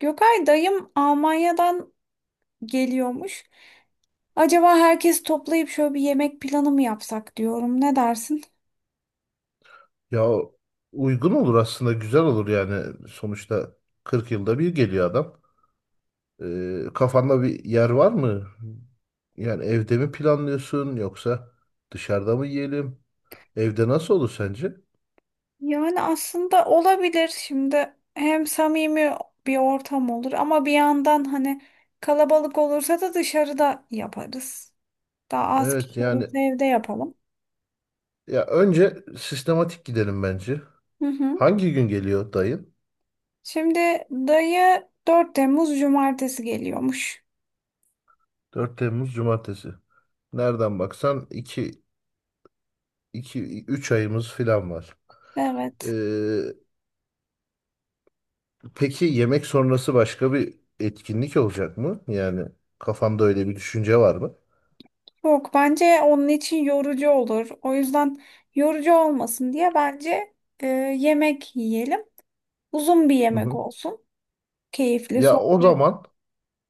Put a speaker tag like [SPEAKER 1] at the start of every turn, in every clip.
[SPEAKER 1] Gökay dayım Almanya'dan geliyormuş. Acaba herkes toplayıp şöyle bir yemek planı mı yapsak diyorum. Ne dersin?
[SPEAKER 2] Ya uygun olur aslında güzel olur yani sonuçta 40 yılda bir geliyor adam. Kafanda bir yer var mı? Yani evde mi planlıyorsun yoksa dışarıda mı yiyelim? Evde nasıl olur sence?
[SPEAKER 1] Yani aslında olabilir. Şimdi hem samimi bir ortam olur ama bir yandan hani kalabalık olursa da dışarıda yaparız. Daha az
[SPEAKER 2] Evet
[SPEAKER 1] kişi
[SPEAKER 2] yani
[SPEAKER 1] olursa evde yapalım.
[SPEAKER 2] ya önce sistematik gidelim bence.
[SPEAKER 1] Hı hı.
[SPEAKER 2] Hangi gün geliyor dayın?
[SPEAKER 1] Şimdi dayı 4 Temmuz Cumartesi geliyormuş.
[SPEAKER 2] 4 Temmuz Cumartesi. Nereden baksan iki 3 ayımız falan var. Ee,
[SPEAKER 1] Evet.
[SPEAKER 2] Peki yemek sonrası başka bir etkinlik olacak mı? Yani kafamda öyle bir düşünce var mı?
[SPEAKER 1] Yok bence onun için yorucu olur. O yüzden yorucu olmasın diye bence e, yemek yiyelim. Uzun bir
[SPEAKER 2] Hı
[SPEAKER 1] yemek
[SPEAKER 2] hı.
[SPEAKER 1] olsun. Keyifli
[SPEAKER 2] Ya o
[SPEAKER 1] sohbet.
[SPEAKER 2] zaman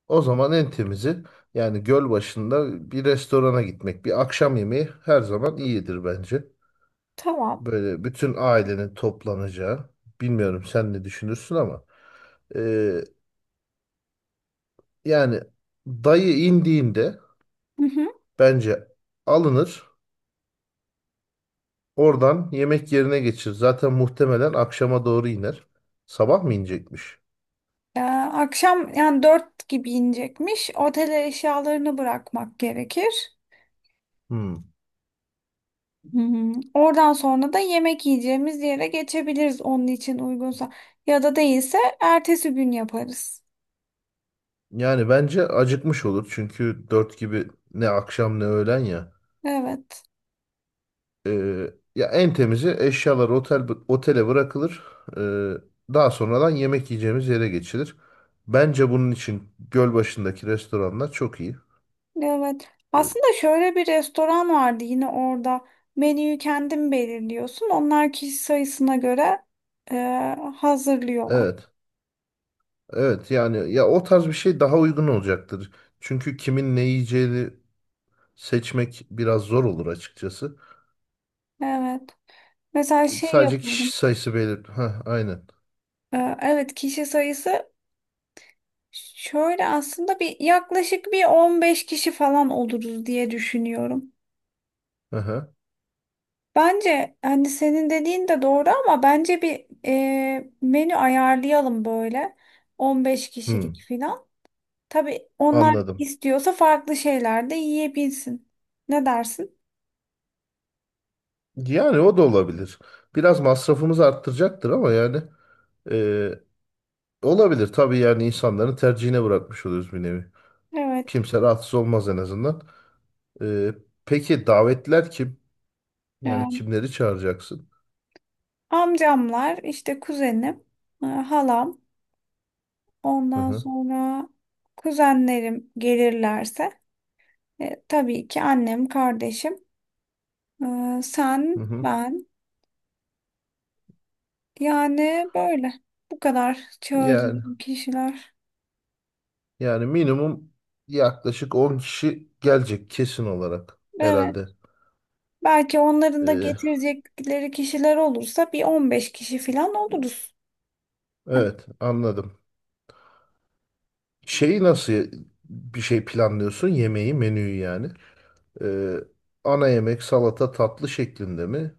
[SPEAKER 2] o zaman en temizi yani göl başında bir restorana gitmek. Bir akşam yemeği her zaman iyidir bence.
[SPEAKER 1] Tamam.
[SPEAKER 2] Böyle bütün ailenin toplanacağı. Bilmiyorum sen ne düşünürsün ama e, yani dayı indiğinde
[SPEAKER 1] Hı hı.
[SPEAKER 2] bence alınır. Oradan yemek yerine geçir. Zaten muhtemelen akşama doğru iner. Sabah mı inecekmiş?
[SPEAKER 1] Akşam yani dört gibi inecekmiş. Otele eşyalarını bırakmak gerekir.
[SPEAKER 2] Hmm.
[SPEAKER 1] Hı hı. Oradan sonra da yemek yiyeceğimiz yere geçebiliriz onun için uygunsa. Ya da değilse ertesi gün yaparız.
[SPEAKER 2] Yani bence acıkmış olur çünkü 4 gibi ne akşam ne öğlen ya.
[SPEAKER 1] Evet.
[SPEAKER 2] Ya en temizi eşyalar otel otele bırakılır. Ee, Daha sonradan yemek yiyeceğimiz yere geçilir. Bence bunun için göl başındaki restoranlar çok iyi.
[SPEAKER 1] Evet.
[SPEAKER 2] Ee,
[SPEAKER 1] Aslında şöyle bir restoran vardı yine orada. Menüyü kendin belirliyorsun. Onlar kişi sayısına göre e, hazırlıyorlar.
[SPEAKER 2] evet, evet yani ya o tarz bir şey daha uygun olacaktır. Çünkü kimin ne yiyeceğini seçmek biraz zor olur açıkçası.
[SPEAKER 1] Evet. Mesela şey
[SPEAKER 2] Sadece
[SPEAKER 1] yapalım.
[SPEAKER 2] kişi sayısı belir. Ha, aynen.
[SPEAKER 1] Evet, kişi sayısı şöyle aslında yaklaşık bir 15 kişi falan oluruz diye düşünüyorum.
[SPEAKER 2] Aha.
[SPEAKER 1] Bence hani senin dediğin de doğru ama bence menü ayarlayalım böyle. 15
[SPEAKER 2] Hmm,
[SPEAKER 1] kişilik falan. Tabii onlar
[SPEAKER 2] anladım.
[SPEAKER 1] istiyorsa farklı şeyler de yiyebilsin. Ne dersin?
[SPEAKER 2] Yani o da olabilir. Biraz masrafımızı arttıracaktır ama yani e, olabilir. Tabii yani insanların tercihine bırakmış oluyoruz bir nevi.
[SPEAKER 1] Evet.
[SPEAKER 2] Kimse rahatsız olmaz en azından. E, peki davetler kim? Yani
[SPEAKER 1] Yani
[SPEAKER 2] kimleri çağıracaksın?
[SPEAKER 1] amcamlar, işte kuzenim, halam,
[SPEAKER 2] Hı
[SPEAKER 1] ondan
[SPEAKER 2] hı,
[SPEAKER 1] sonra kuzenlerim gelirlerse, tabii ki annem, kardeşim, sen,
[SPEAKER 2] hı hı.
[SPEAKER 1] ben. Yani böyle. Bu kadar
[SPEAKER 2] Yani
[SPEAKER 1] çağıracağım kişiler.
[SPEAKER 2] yani minimum yaklaşık 10 kişi gelecek kesin olarak herhalde.
[SPEAKER 1] Evet. Belki onların da
[SPEAKER 2] E,
[SPEAKER 1] getirecekleri kişiler olursa bir 15 kişi falan oluruz.
[SPEAKER 2] evet, anladım.
[SPEAKER 1] Hı
[SPEAKER 2] Şeyi nasıl bir şey planlıyorsun? Yemeği, menüyü yani. Ee, Ana yemek salata tatlı şeklinde mi?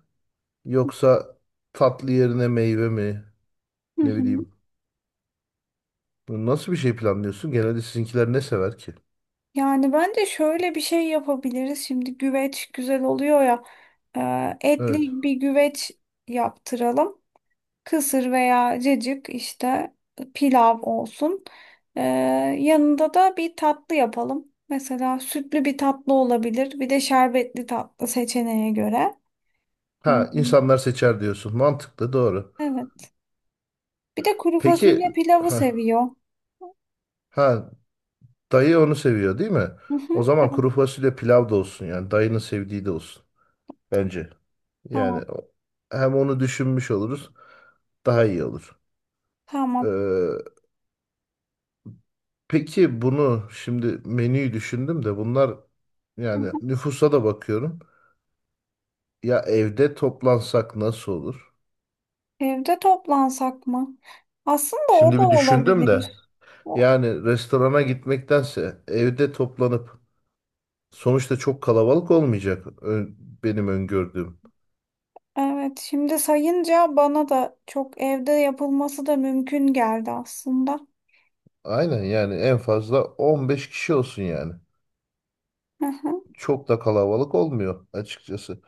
[SPEAKER 2] Yoksa tatlı yerine meyve mi? Ne
[SPEAKER 1] hı.
[SPEAKER 2] bileyim. Nasıl bir şey planlıyorsun? Genelde sizinkiler ne sever ki?
[SPEAKER 1] Yani bence şöyle bir şey yapabiliriz. Şimdi güveç güzel oluyor ya.
[SPEAKER 2] Evet.
[SPEAKER 1] Etli bir güveç yaptıralım. Kısır veya cacık, işte pilav olsun. Ee, yanında da bir tatlı yapalım. Mesela sütlü bir tatlı olabilir. Bir de şerbetli tatlı seçeneğe göre. Hı
[SPEAKER 2] Ha,
[SPEAKER 1] hı.
[SPEAKER 2] insanlar seçer diyorsun. Mantıklı, doğru.
[SPEAKER 1] Evet. Bir de kuru
[SPEAKER 2] Peki
[SPEAKER 1] fasulye pilavı
[SPEAKER 2] ha,
[SPEAKER 1] seviyor.
[SPEAKER 2] ha dayı onu seviyor değil mi?
[SPEAKER 1] Hı hı.
[SPEAKER 2] O zaman kuru fasulye pilav da olsun yani dayının sevdiği de olsun bence. Yani
[SPEAKER 1] Tamam.
[SPEAKER 2] hem onu düşünmüş oluruz daha iyi olur.
[SPEAKER 1] Tamam.
[SPEAKER 2] Ee, Peki bunu şimdi menüyü düşündüm de bunlar
[SPEAKER 1] Hı
[SPEAKER 2] yani
[SPEAKER 1] hı.
[SPEAKER 2] nüfusa da bakıyorum. Ya evde toplansak nasıl olur?
[SPEAKER 1] Evde toplansak mı? Aslında o da
[SPEAKER 2] Şimdi bir düşündüm
[SPEAKER 1] olabilir.
[SPEAKER 2] de
[SPEAKER 1] O-
[SPEAKER 2] yani restorana gitmektense evde toplanıp sonuçta çok kalabalık olmayacak benim öngördüğüm.
[SPEAKER 1] Evet, şimdi sayınca bana da çok evde yapılması da mümkün geldi aslında.
[SPEAKER 2] Aynen, yani en fazla 15 kişi olsun yani.
[SPEAKER 1] Hı hı.
[SPEAKER 2] Çok da kalabalık olmuyor açıkçası.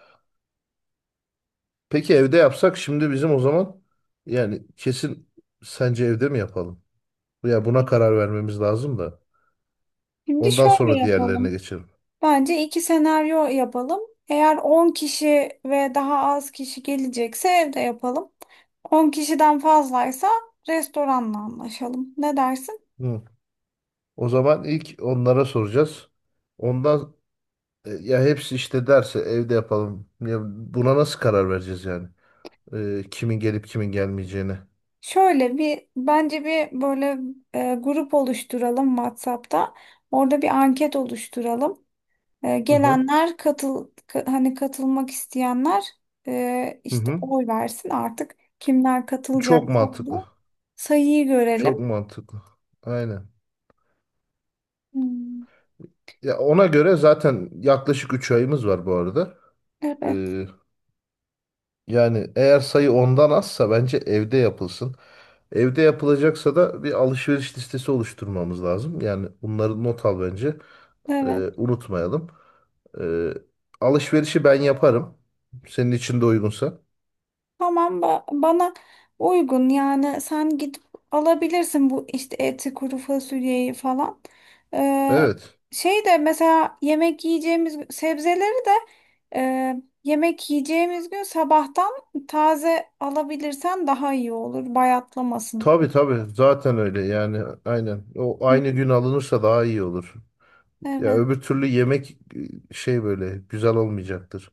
[SPEAKER 2] Peki evde yapsak şimdi bizim o zaman yani kesin sence evde mi yapalım? Ya buna karar vermemiz lazım da.
[SPEAKER 1] Şimdi
[SPEAKER 2] Ondan
[SPEAKER 1] şöyle
[SPEAKER 2] sonra diğerlerine
[SPEAKER 1] yapalım.
[SPEAKER 2] geçelim.
[SPEAKER 1] Bence iki senaryo yapalım. Eğer 10 kişi ve daha az kişi gelecekse evde yapalım. 10 kişiden fazlaysa restoranla anlaşalım. Ne dersin?
[SPEAKER 2] Hı. O zaman ilk onlara soracağız. Ondan ya hepsi işte derse evde yapalım. Ya buna nasıl karar vereceğiz yani? Kimin gelip kimin gelmeyeceğine.
[SPEAKER 1] Şöyle bence grup oluşturalım WhatsApp'ta. Orada bir anket oluşturalım.
[SPEAKER 2] Hı hı.
[SPEAKER 1] Gelenler hani katılmak isteyenler,
[SPEAKER 2] Hı
[SPEAKER 1] işte
[SPEAKER 2] hı.
[SPEAKER 1] oy versin artık. Kimler
[SPEAKER 2] Çok
[SPEAKER 1] katılacaksa
[SPEAKER 2] mantıklı.
[SPEAKER 1] orada sayıyı görelim.
[SPEAKER 2] Çok mantıklı. Aynen.
[SPEAKER 1] Hmm,
[SPEAKER 2] Ya ona göre zaten yaklaşık 3 ayımız var bu arada.
[SPEAKER 1] evet,
[SPEAKER 2] Ee, Yani eğer sayı ondan azsa bence evde yapılsın. Evde yapılacaksa da bir alışveriş listesi oluşturmamız lazım. Yani bunları not al bence.
[SPEAKER 1] evet.
[SPEAKER 2] Unutmayalım. Ee, Alışverişi ben yaparım. Senin için de uygunsa.
[SPEAKER 1] Tamam, bana uygun yani sen gidip alabilirsin bu işte eti, kuru fasulyeyi falan. Ee,
[SPEAKER 2] Evet.
[SPEAKER 1] Şey de mesela sebzeleri de, yemek yiyeceğimiz gün sabahtan taze alabilirsen daha iyi olur, bayatlamasın.
[SPEAKER 2] Tabii, tabii. Zaten öyle yani. Aynen. O
[SPEAKER 1] Hı.
[SPEAKER 2] aynı gün alınırsa daha iyi olur. Ya
[SPEAKER 1] Evet,
[SPEAKER 2] öbür türlü yemek böyle güzel olmayacaktır.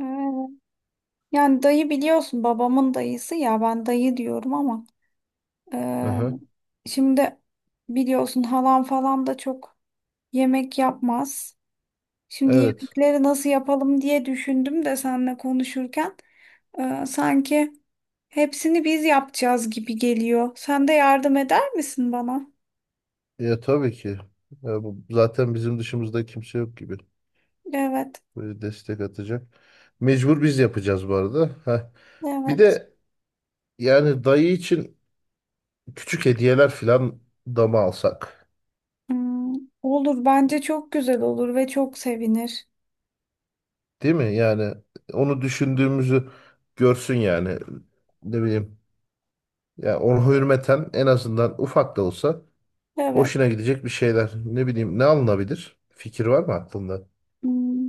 [SPEAKER 1] evet. Yani dayı, biliyorsun, babamın dayısı ya, ben dayı diyorum ama
[SPEAKER 2] Hı
[SPEAKER 1] e,
[SPEAKER 2] hı.
[SPEAKER 1] şimdi biliyorsun halam falan da çok yemek yapmaz. Şimdi
[SPEAKER 2] Evet.
[SPEAKER 1] yemekleri nasıl yapalım diye düşündüm de seninle konuşurken sanki hepsini biz yapacağız gibi geliyor. Sen de yardım eder misin bana?
[SPEAKER 2] Ya tabii ki. Ya bu, zaten bizim dışımızda kimse yok gibi.
[SPEAKER 1] Evet,
[SPEAKER 2] Böyle destek atacak. Mecbur biz yapacağız bu arada. Heh. Bir
[SPEAKER 1] evet.
[SPEAKER 2] de yani dayı için küçük hediyeler falan da mı alsak?
[SPEAKER 1] Hmm, olur, bence çok güzel olur ve çok sevinir.
[SPEAKER 2] Değil mi? Yani onu düşündüğümüzü görsün yani. Ne bileyim. Ya ona hürmeten en azından ufak da olsa
[SPEAKER 1] Evet.
[SPEAKER 2] hoşuna gidecek bir şeyler. Ne bileyim, ne alınabilir? Fikir var mı aklında?
[SPEAKER 1] Hmm.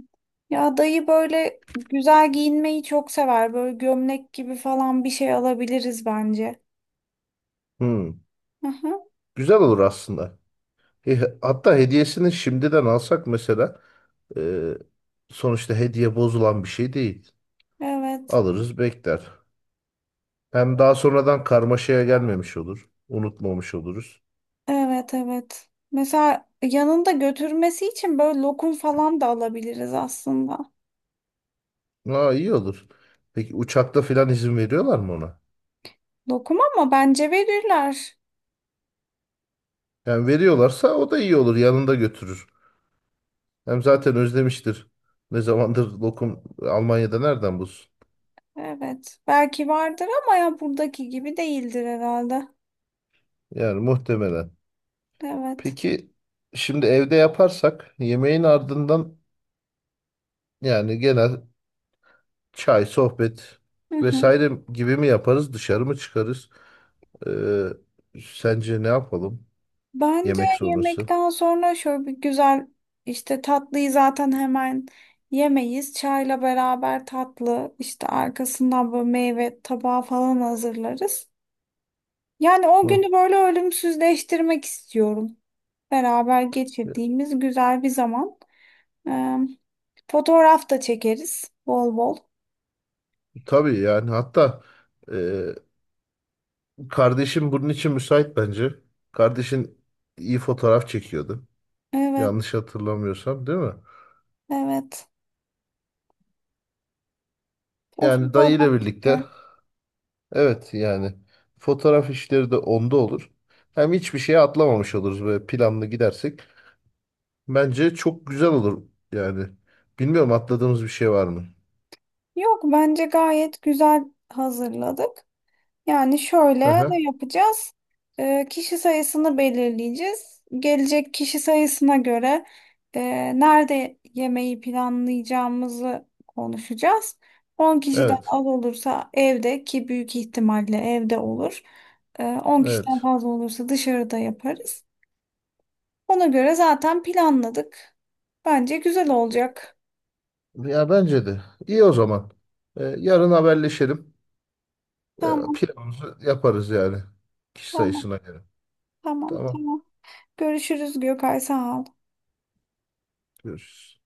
[SPEAKER 1] Ya dayı böyle güzel giyinmeyi çok sever. Böyle gömlek gibi falan bir şey alabiliriz bence.
[SPEAKER 2] Hmm.
[SPEAKER 1] Aha,
[SPEAKER 2] Güzel olur aslında. E, Hatta hediyesini şimdiden alsak, mesela e, sonuçta hediye bozulan bir şey değil.
[SPEAKER 1] evet.
[SPEAKER 2] Alırız, bekler. Hem daha sonradan karmaşaya gelmemiş olur. Unutmamış oluruz.
[SPEAKER 1] Evet, evet. Mesela yanında götürmesi için böyle lokum falan da alabiliriz aslında.
[SPEAKER 2] Aa, iyi olur. Peki uçakta filan izin veriyorlar mı ona?
[SPEAKER 1] Lokum ama bence verirler.
[SPEAKER 2] Yani veriyorlarsa o da iyi olur. Yanında götürür. Hem zaten özlemiştir. Ne zamandır lokum, Almanya'da nereden bulsun?
[SPEAKER 1] Evet. Belki vardır ama ya buradaki gibi değildir herhalde.
[SPEAKER 2] Yani muhtemelen.
[SPEAKER 1] Evet.
[SPEAKER 2] Peki şimdi evde yaparsak yemeğin ardından yani genel çay, sohbet
[SPEAKER 1] Hı hı.
[SPEAKER 2] vesaire gibi mi yaparız? Dışarı mı çıkarız? Ee, Sence ne yapalım
[SPEAKER 1] Bence
[SPEAKER 2] yemek sonrası?
[SPEAKER 1] yemekten sonra şöyle bir güzel, işte tatlıyı zaten hemen yemeyiz. Çayla beraber tatlı, işte arkasından böyle meyve tabağı falan hazırlarız. Yani o
[SPEAKER 2] Hı.
[SPEAKER 1] günü böyle ölümsüzleştirmek istiyorum. Beraber
[SPEAKER 2] E,
[SPEAKER 1] geçirdiğimiz güzel bir zaman. Ee, fotoğraf da çekeriz bol bol.
[SPEAKER 2] Tabii yani, hatta e, kardeşim bunun için müsait bence. Kardeşin iyi fotoğraf çekiyordu.
[SPEAKER 1] Evet,
[SPEAKER 2] Yanlış hatırlamıyorsam, değil mi?
[SPEAKER 1] evet. O
[SPEAKER 2] Yani dayı ile
[SPEAKER 1] fotoğraf
[SPEAKER 2] birlikte,
[SPEAKER 1] çeker.
[SPEAKER 2] evet yani fotoğraf işleri de onda olur. Hem hiçbir şeye atlamamış oluruz böyle planlı gidersek. Bence çok güzel olur yani. Bilmiyorum, atladığımız bir şey var mı?
[SPEAKER 1] Yok, bence gayet güzel hazırladık. Yani şöyle
[SPEAKER 2] Hı hı.
[SPEAKER 1] ne yapacağız? Kişi sayısını belirleyeceğiz. Gelecek kişi sayısına göre nerede yemeği planlayacağımızı konuşacağız. 10 kişiden
[SPEAKER 2] Evet.
[SPEAKER 1] az olursa evde, ki büyük ihtimalle evde olur. 10 kişiden
[SPEAKER 2] Evet.
[SPEAKER 1] fazla olursa dışarıda yaparız. Ona göre zaten planladık. Bence güzel olacak.
[SPEAKER 2] Ya bence de. İyi, o zaman. Yarın haberleşelim. Ee,
[SPEAKER 1] Tamam,
[SPEAKER 2] Planımızı yaparız yani. Kişi
[SPEAKER 1] tamam,
[SPEAKER 2] sayısına göre.
[SPEAKER 1] tamam,
[SPEAKER 2] Tamam.
[SPEAKER 1] tamam. Görüşürüz Gökay, sağ ol.
[SPEAKER 2] Görüşürüz.